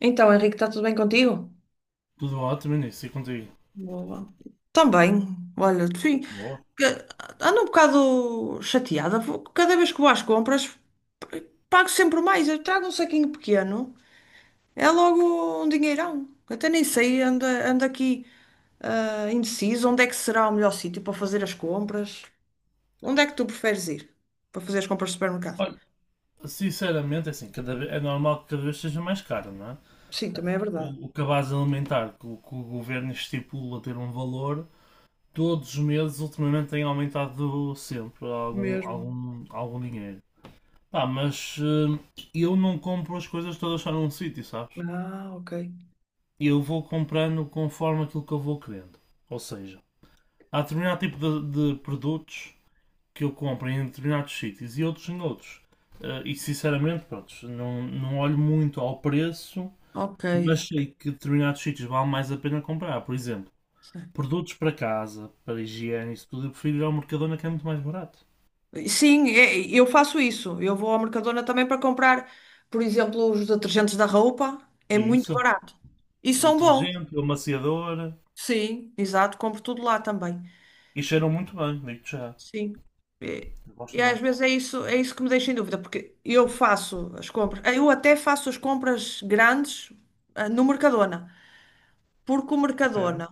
Então, Henrique, está tudo bem contigo? Tudo ótimo, nisso, e contigo? Boa. Também. Olha, sim, Boa. que- ando um bocado chateada. Cada vez que vou às compras, p- pago sempre mais. Eu trago um saquinho pequeno, é logo um dinheirão. Até nem sei, ando aqui indeciso onde é que será o melhor sítio para fazer as compras. Onde é que tu preferes ir para fazer as compras de supermercado? Olha, sinceramente, é assim, cada vez, é normal que cada vez seja mais caro, não é? Sim, também é verdade. O cabaz alimentar que o governo estipula ter um valor, todos os meses ultimamente tem aumentado sempre algum, Mesmo. algum, algum dinheiro. Pá, mas eh, eu não compro as coisas todas só num sítio, sabes? Ah, ok. Eu vou comprando conforme aquilo que eu vou querendo. Ou seja, há determinado tipo de produtos que eu compro em determinados sítios e outros em outros. Eh, e sinceramente, pronto, não olho muito ao preço, Ok. mas sei que determinados sítios vale mais a pena comprar. Por exemplo, produtos para casa, para higiene, isso tudo, eu prefiro ir ao Mercadona que é muito mais barato. Sim, eu faço isso. Eu vou ao Mercadona também para comprar, por exemplo, os detergentes da roupa. É E muito isso, barato. E o são bons. detergente, o amaciador, Sim, exato. Compro tudo lá também. e cheiram muito bem, digo-te já. Sim. E, Eu e gosto às muito. vezes é isso que me deixa em dúvida, porque eu faço as compras. Eu até faço as compras grandes no Mercadona, porque o Ok? Mercadona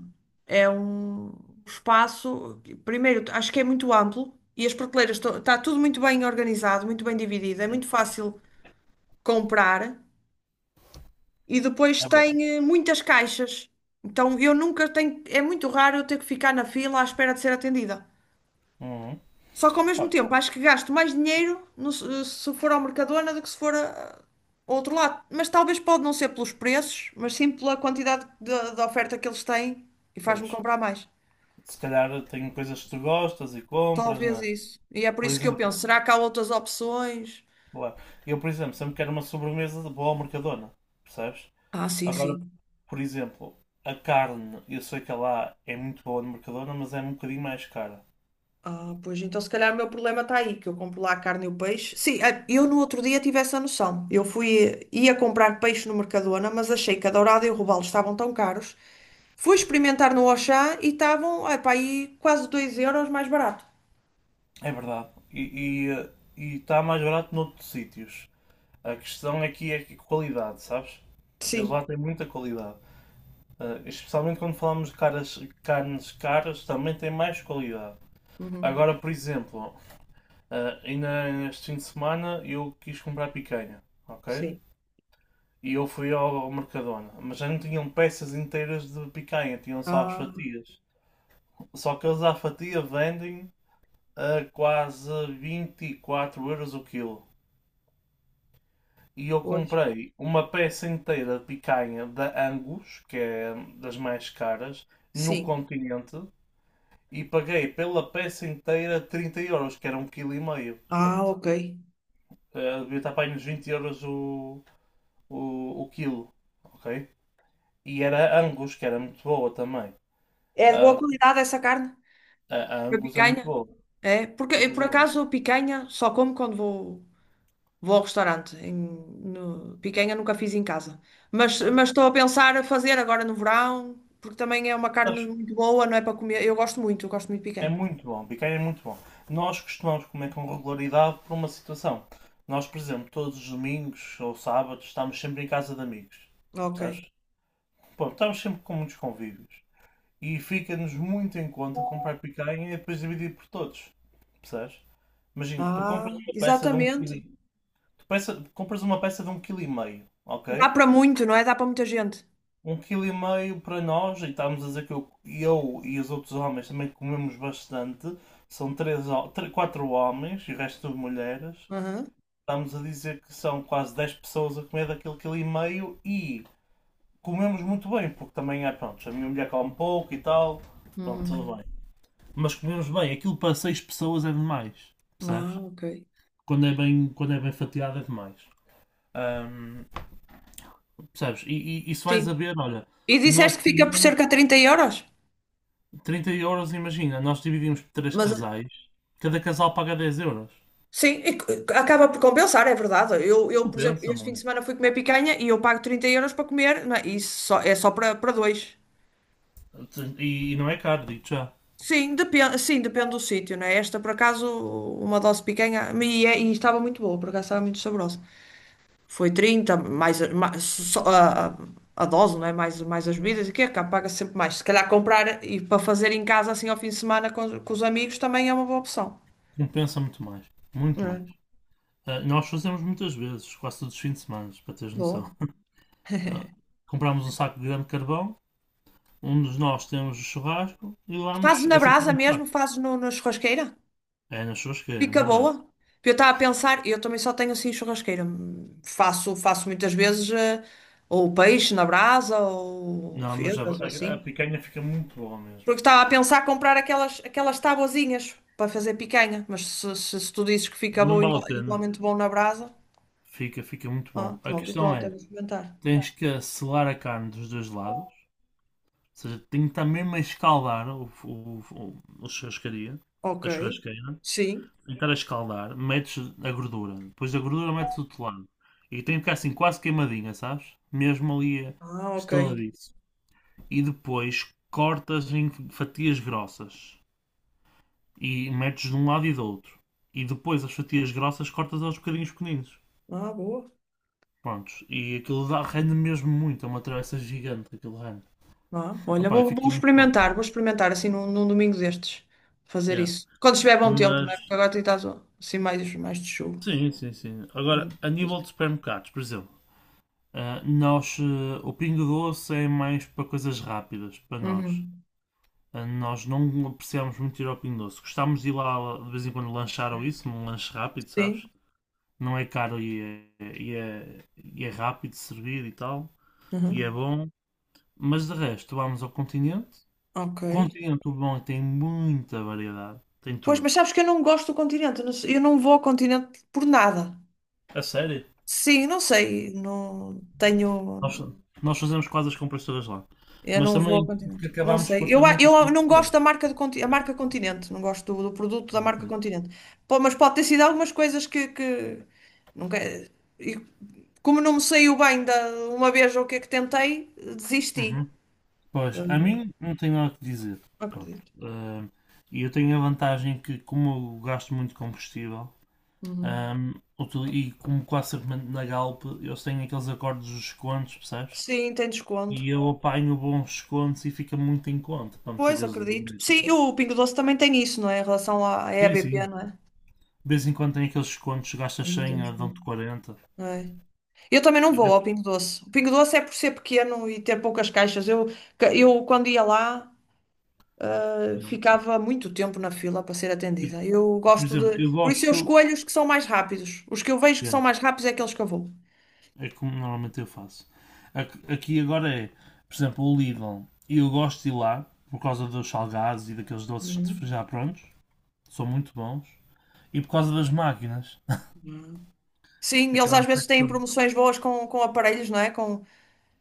é um espaço, que, primeiro, acho que é muito amplo. E as prateleiras, está tudo muito bem organizado, muito bem dividido. É Sim, muito fácil comprar e depois é tem verdade. Muitas caixas. Então eu nunca tenho, é muito raro eu ter que ficar na fila à espera de ser atendida. Uhum. Só que ao mesmo Pá, tempo acho que gasto mais dinheiro se for ao Mercadona do que se for ao outro lado. Mas talvez pode não ser pelos preços, mas sim pela quantidade de oferta que eles têm e faz-me pois, comprar mais. se calhar tem coisas que tu gostas e compras, não Talvez é? isso. E é por Por isso que eu exemplo. penso, será que há outras opções? Claro. Eu, por exemplo, sempre quero uma sobremesa de boa ao Mercadona, percebes? Ah, sim, Agora, sim. por exemplo, a carne, eu sei que ela é muito boa no Mercadona, mas é um bocadinho mais cara. Ah, pois então se calhar o meu problema está aí, que eu compro lá a carne e o peixe. Sim, eu no outro dia tive essa noção. Eu fui, ia comprar peixe no Mercadona, mas achei que a dourada e o robalo estavam tão caros. Fui experimentar no Auchan e estavam, ai pá, aí quase 2 euros mais barato. É verdade. E, eh, e está mais barato noutros sítios. A questão aqui é que qualidade, sabes? Eles Sim. lá têm muita qualidade. Ah, especialmente quando falamos de caras, carnes caras, também tem mais qualidade. Uhum. Agora, por exemplo, ah, ainda este fim de semana eu quis comprar picanha, ok? Sim. E eu fui ao Mercadona. Mas já não tinham peças inteiras de picanha, tinham só as Ah, fatias. Só que eles à fatia vendem a quase 24 euros o quilo. E eu pois. comprei uma peça inteira de picanha da Angus, que é das mais caras, no Sim. Continente. E paguei pela peça inteira 30 euros, que era um quilo e meio. Ah, Portanto, ok. eh, devia estar para aí nos 20 euros o quilo, ok? E era Angus, que era muito boa também. É de boa Ah, qualidade essa carne? A A Angus é muito picanha? bom. É, porque A eu, Angus por é bom. acaso a picanha só como quando vou ao restaurante. Picanha nunca fiz em casa. Mas, É. mas estou a pensar a fazer agora no verão, porque também é uma carne Sabes, muito boa, não é para comer. Eu gosto muito de é picanha. muito bom. Biqueira é muito bom. Nós costumamos comer com regularidade por uma situação. Nós, por exemplo, todos os domingos ou sábados estamos sempre em casa de amigos. Sabes? Ok. Bom, estamos sempre com muitos convívios. E fica-nos muito em conta comprar picanha e depois dividir por todos. Percebes? Imagina, tu compras Ah, uma peça de um quilo. exatamente. Tu compras uma peça de um quilo e meio, Dá ok? para muito, não é? Dá para muita gente. Um quilo e meio para nós, e estávamos a dizer que eu e os outros homens também comemos bastante. São três, quatro homens e o resto de mulheres. Aham. Estamos a dizer que são quase 10 pessoas a comer daquele quilo e meio e comemos muito bem, porque também é, pronto, a minha mulher come pouco e tal. Pronto, tudo Uhum. bem. Mas comemos bem, aquilo para seis pessoas é demais, Ah, percebes? ok. Quando é bem fatiado é demais. Ahm, Percebes? E se Sim. vais a ver, olha, E nós disseste que fica por cerca comemos de 30 euros? 30 euros, imagina, nós dividimos por três Mas casais, cada casal paga 10 euros. sim, e acaba por compensar, é verdade. Eu, por exemplo, Compensa este fim de muito. semana fui comer picanha e eu pago 30 euros para comer, não é? E isso só, é só para dois. E não é caro, digo já. Sim, depende do sítio, né? Esta, por acaso, uma dose de picanha, e estava muito boa, por acaso estava muito saborosa. Foi 30 mais, só a dose, não é? Mais, mais as bebidas, e que é cá, paga sempre mais. Se calhar comprar e para fazer em casa, assim, ao fim de semana com os amigos, também é uma boa opção. Compensa muito mais. Muito É, mais. Ah, nós fazemos muitas vezes, quase todos os fins de semana, para teres noção. boa. Ah, compramos um saco de grande carvão, um de nós temos o churrasco e Fazes vamos. na É brasa sempre o mesmo? saco. Fazes no, na churrasqueira? É na churrasqueira, Fica na brasa. boa. Eu estava a pensar, eu também só tenho assim churrasqueira. Faço muitas vezes ou peixe na brasa ou Não, mas a, febras ou a- a assim. picanha fica muito boa mesmo. Porque estava a pensar comprar aquelas tabuazinhas para fazer picanha. Mas se tu dizes que fica Não bom, vale a pena. igualmente bom na brasa, Fica muito bom. A pronto, então questão até vou é, experimentar. tens que selar a carne dos dois lados seja, tenho que estar mesmo a escaldar o churrascaria, Ok. a churrasqueira, tenho Sim. que estar a escaldar, metes a gordura, depois da gordura metes o telado. E tem que ficar assim quase queimadinha, sabes? Mesmo ali eh, Ah, ok. estaladiço. E depois cortas em fatias grossas e metes de um lado e do outro. E depois as fatias grossas cortas aos bocadinhos pequeninos. Ah, boa. Prontos. E aquilo dá, rende mesmo muito. É uma travessa gigante aquilo rende. Vá, olha, Opá, vou fica muito bom. experimentar, vou experimentar assim num domingo destes, fazer Yeah. isso. Quando estiver bom tempo, não Mas é? Porque agora está assim mais, mais de chuva. sim, sim, sim. Agora, a Não nível de sei. supermercados, por exemplo, ah, nós, eh, o Pingo Doce é mais para coisas rápidas, para nós. Uhum. Ah, nós não apreciamos muito ir ao Pingo Doce. Gostamos de ir lá de vez em quando lanchar ou isso, num lanche rápido, Sim. sabes? Não é caro e é rápido de servir e tal, e é Uhum. bom. Mas de resto, vamos ao Continente. Ok. Continente, o bom é que tem muita variedade, tem Pois, tudo. mas sabes que eu não gosto do continente, eu não vou ao continente por nada. A sério? Sim, não sei, não tenho. Nós, nós fazemos quase as compras todas lá. Eu Mas não vou ao também que continente. Não acabámos por sei. ter Eu, a- muitas eu não gosto da produções. marca, a marca Continente. Não gosto do produto da Ok. marca Continente. Pô, mas pode ter sido algumas coisas que... Nunca... Como não me saiu bem da uma vez o que é que tentei, desisti. Uhum. Pois, a Hum, mim não tenho nada que dizer. não Pronto. acredito. Ah, e eu tenho a vantagem que, como eu gasto muito combustível, Uhum. ah, e como quase sempre mando na Galp, eu tenho aqueles acordos dos descontos, percebes? Sim, tem desconto. E eu apanho bons descontos e fica muito em conta para meter Pois, acredito. gasolina e tudo. Sim, e o Pingo Doce também tem isso, não é? Em relação à Sim, sim. EBP, não é? De vez em quando tem aqueles descontos, gastas Eu. Não tem 100, ah, desconto. dão-te 40. É. Eu também não E, vou ao esses, Pingo Doce. O Pingo Doce é por ser pequeno e ter poucas caixas. Eu quando ia lá, não. ficava muito tempo na fila para ser atendida. Eu Por gosto exemplo, de. eu Por isso eu gosto. escolho os que são mais rápidos. Os que eu vejo que Yeah, são mais rápidos é aqueles que eu vou. é como normalmente eu faço. Aqui agora é, por exemplo, o Lidl. Eu gosto de ir lá por causa dos salgados e daqueles doces Uhum. já prontos. São muito bons. E por causa das máquinas. Sim, eles Aquela às vezes têm secção. promoções boas com aparelhos, não é? Com...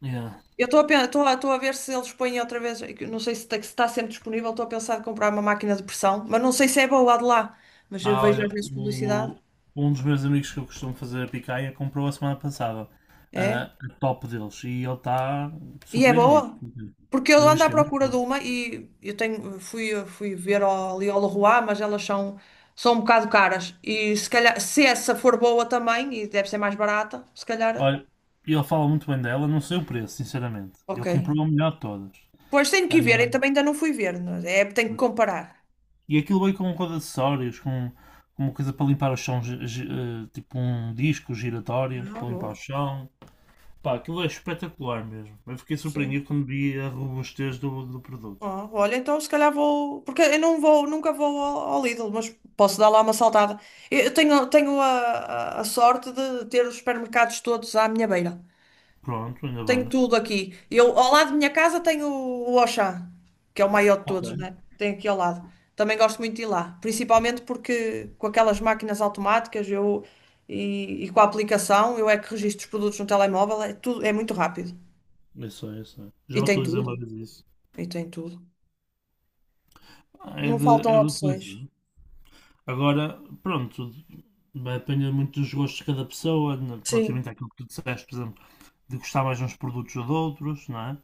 Yeah. Eu estou a, pen- estou a, estou a ver se eles põem outra vez. Eu não sei se está, sempre disponível. Estou a pensar em comprar uma máquina de pressão, mas não sei se é boa lá de lá. Mas eu Ah, vejo às olha, vezes publicidade. Um dos meus amigos que eu costumo fazer a picanha comprou a semana passada ah, É? a top deles e ele está E é surpreendido. boa? Porque eu Ele diz ando à que é muito procura bom. de uma e eu tenho, fui ver ali ao Leroy, mas elas são um bocado caras. E se calhar, se essa for boa também, e deve ser mais barata, se calhar. Olha, ele fala muito bem dela, não sei o preço, sinceramente. Ok. Ele comprou a melhor de todas. Pois tenho Ah, que ir ver, eu também ainda não fui ver. Não É, tenho que comparar. e aquilo veio com acessórios, com uma coisa para limpar o chão, tipo um disco giratório Ah, para limpar o boa. chão. Pá, aquilo é espetacular mesmo. Eu fiquei Sim. surpreendido quando vi a robustez do produto. Ah, olha, então se calhar vou. Porque eu não vou, nunca vou ao Lidl, mas posso dar lá uma saltada. Eu tenho a sorte de ter os supermercados todos à minha beira. Pronto, ainda Tenho bem. tudo aqui. Eu, ao lado da minha casa tenho o Auchan, que é o maior de Ok. todos, né? Tem aqui ao lado. Também gosto muito de ir lá, principalmente porque com aquelas máquinas automáticas eu, e com a aplicação eu é que registro os produtos no telemóvel, é tudo, é muito rápido. Isso é, isso é. E Já tem utilizei uma tudo. vez isso. E tem tudo. É Não de, é faltam de utilizar. opções. Agora, pronto, vai depender muito dos gostos de cada pessoa, né, Sim, relativamente àquilo que tu disseste, por exemplo. De gostar mais de uns produtos ou de outros, não é?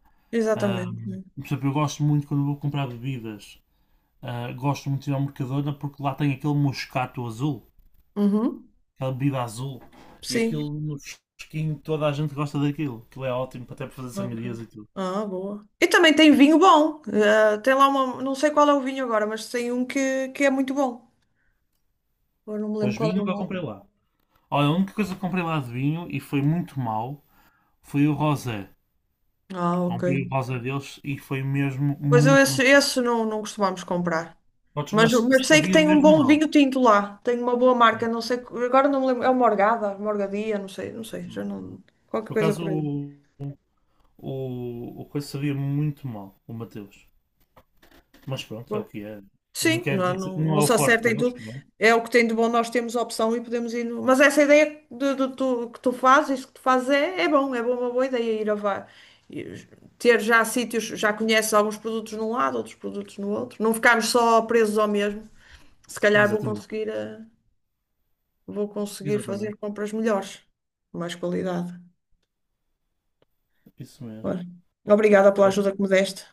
Ah, exatamente. por exemplo, eu gosto muito quando vou comprar bebidas, ah, gosto muito de ir ao Mercadona porque lá tem aquele moscato azul, Uhum. aquela bebida azul, e Sim. aquilo no fresquinho toda a gente gosta daquilo, aquilo é ótimo até para fazer Ok. sangrias e tudo. Ah, boa. E também tem vinho bom. Tem lá uma. Não sei qual é o vinho agora, mas tem um que é muito bom. Agora não me lembro Pois qual vinho é o nunca comprei nome. lá. Olha, a única coisa que comprei lá de vinho e foi muito mau foi o rosé. Ah, ok. Comprei o rosé deles e foi mesmo Pois eu, muito esse, mau. esse não, não costumamos comprar. Mas, Mas mas sei que sabia tem um mesmo bom mal. vinho tinto lá. Tem uma boa marca. Sim. Não sei. Agora não me lembro. É uma Morgada, Morgadia, não sei. Não sei. Já não. Qualquer Por coisa acaso, por aí. o coisa sabia muito mal, o Mateus. Mas pronto, é o que é. Não Sim, quer não, dizer que não, não não é o se forte acerta em deles, tudo. pronto. É o que tem de bom, nós temos opção e podemos ir. Mas essa ideia de que tu fazes, isso que tu fazes é bom, é bom, uma boa ideia ir ir- ter já sítios, já conheces alguns produtos num lado, outros produtos no outro. Não ficarmos só presos ao mesmo. Se calhar vou Exatamente, conseguir, vou conseguir fazer exatamente, compras melhores, de mais qualidade. isso mesmo. Olha, obrigada pela Pronto. ajuda que me deste.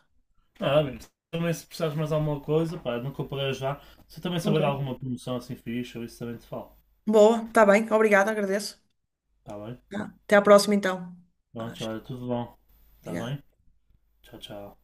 Ah, amigo, também se precisares mais alguma coisa, pá, nunca parei já. Se também saber Ok. alguma promoção assim fixe, eu isso também te falo. Boa, está bem, obrigada, agradeço. Tá bem? Tá. Até à próxima então. Pronto, Acho. olha, tudo bom. Tá Obrigada. bem? Tchau, tchau.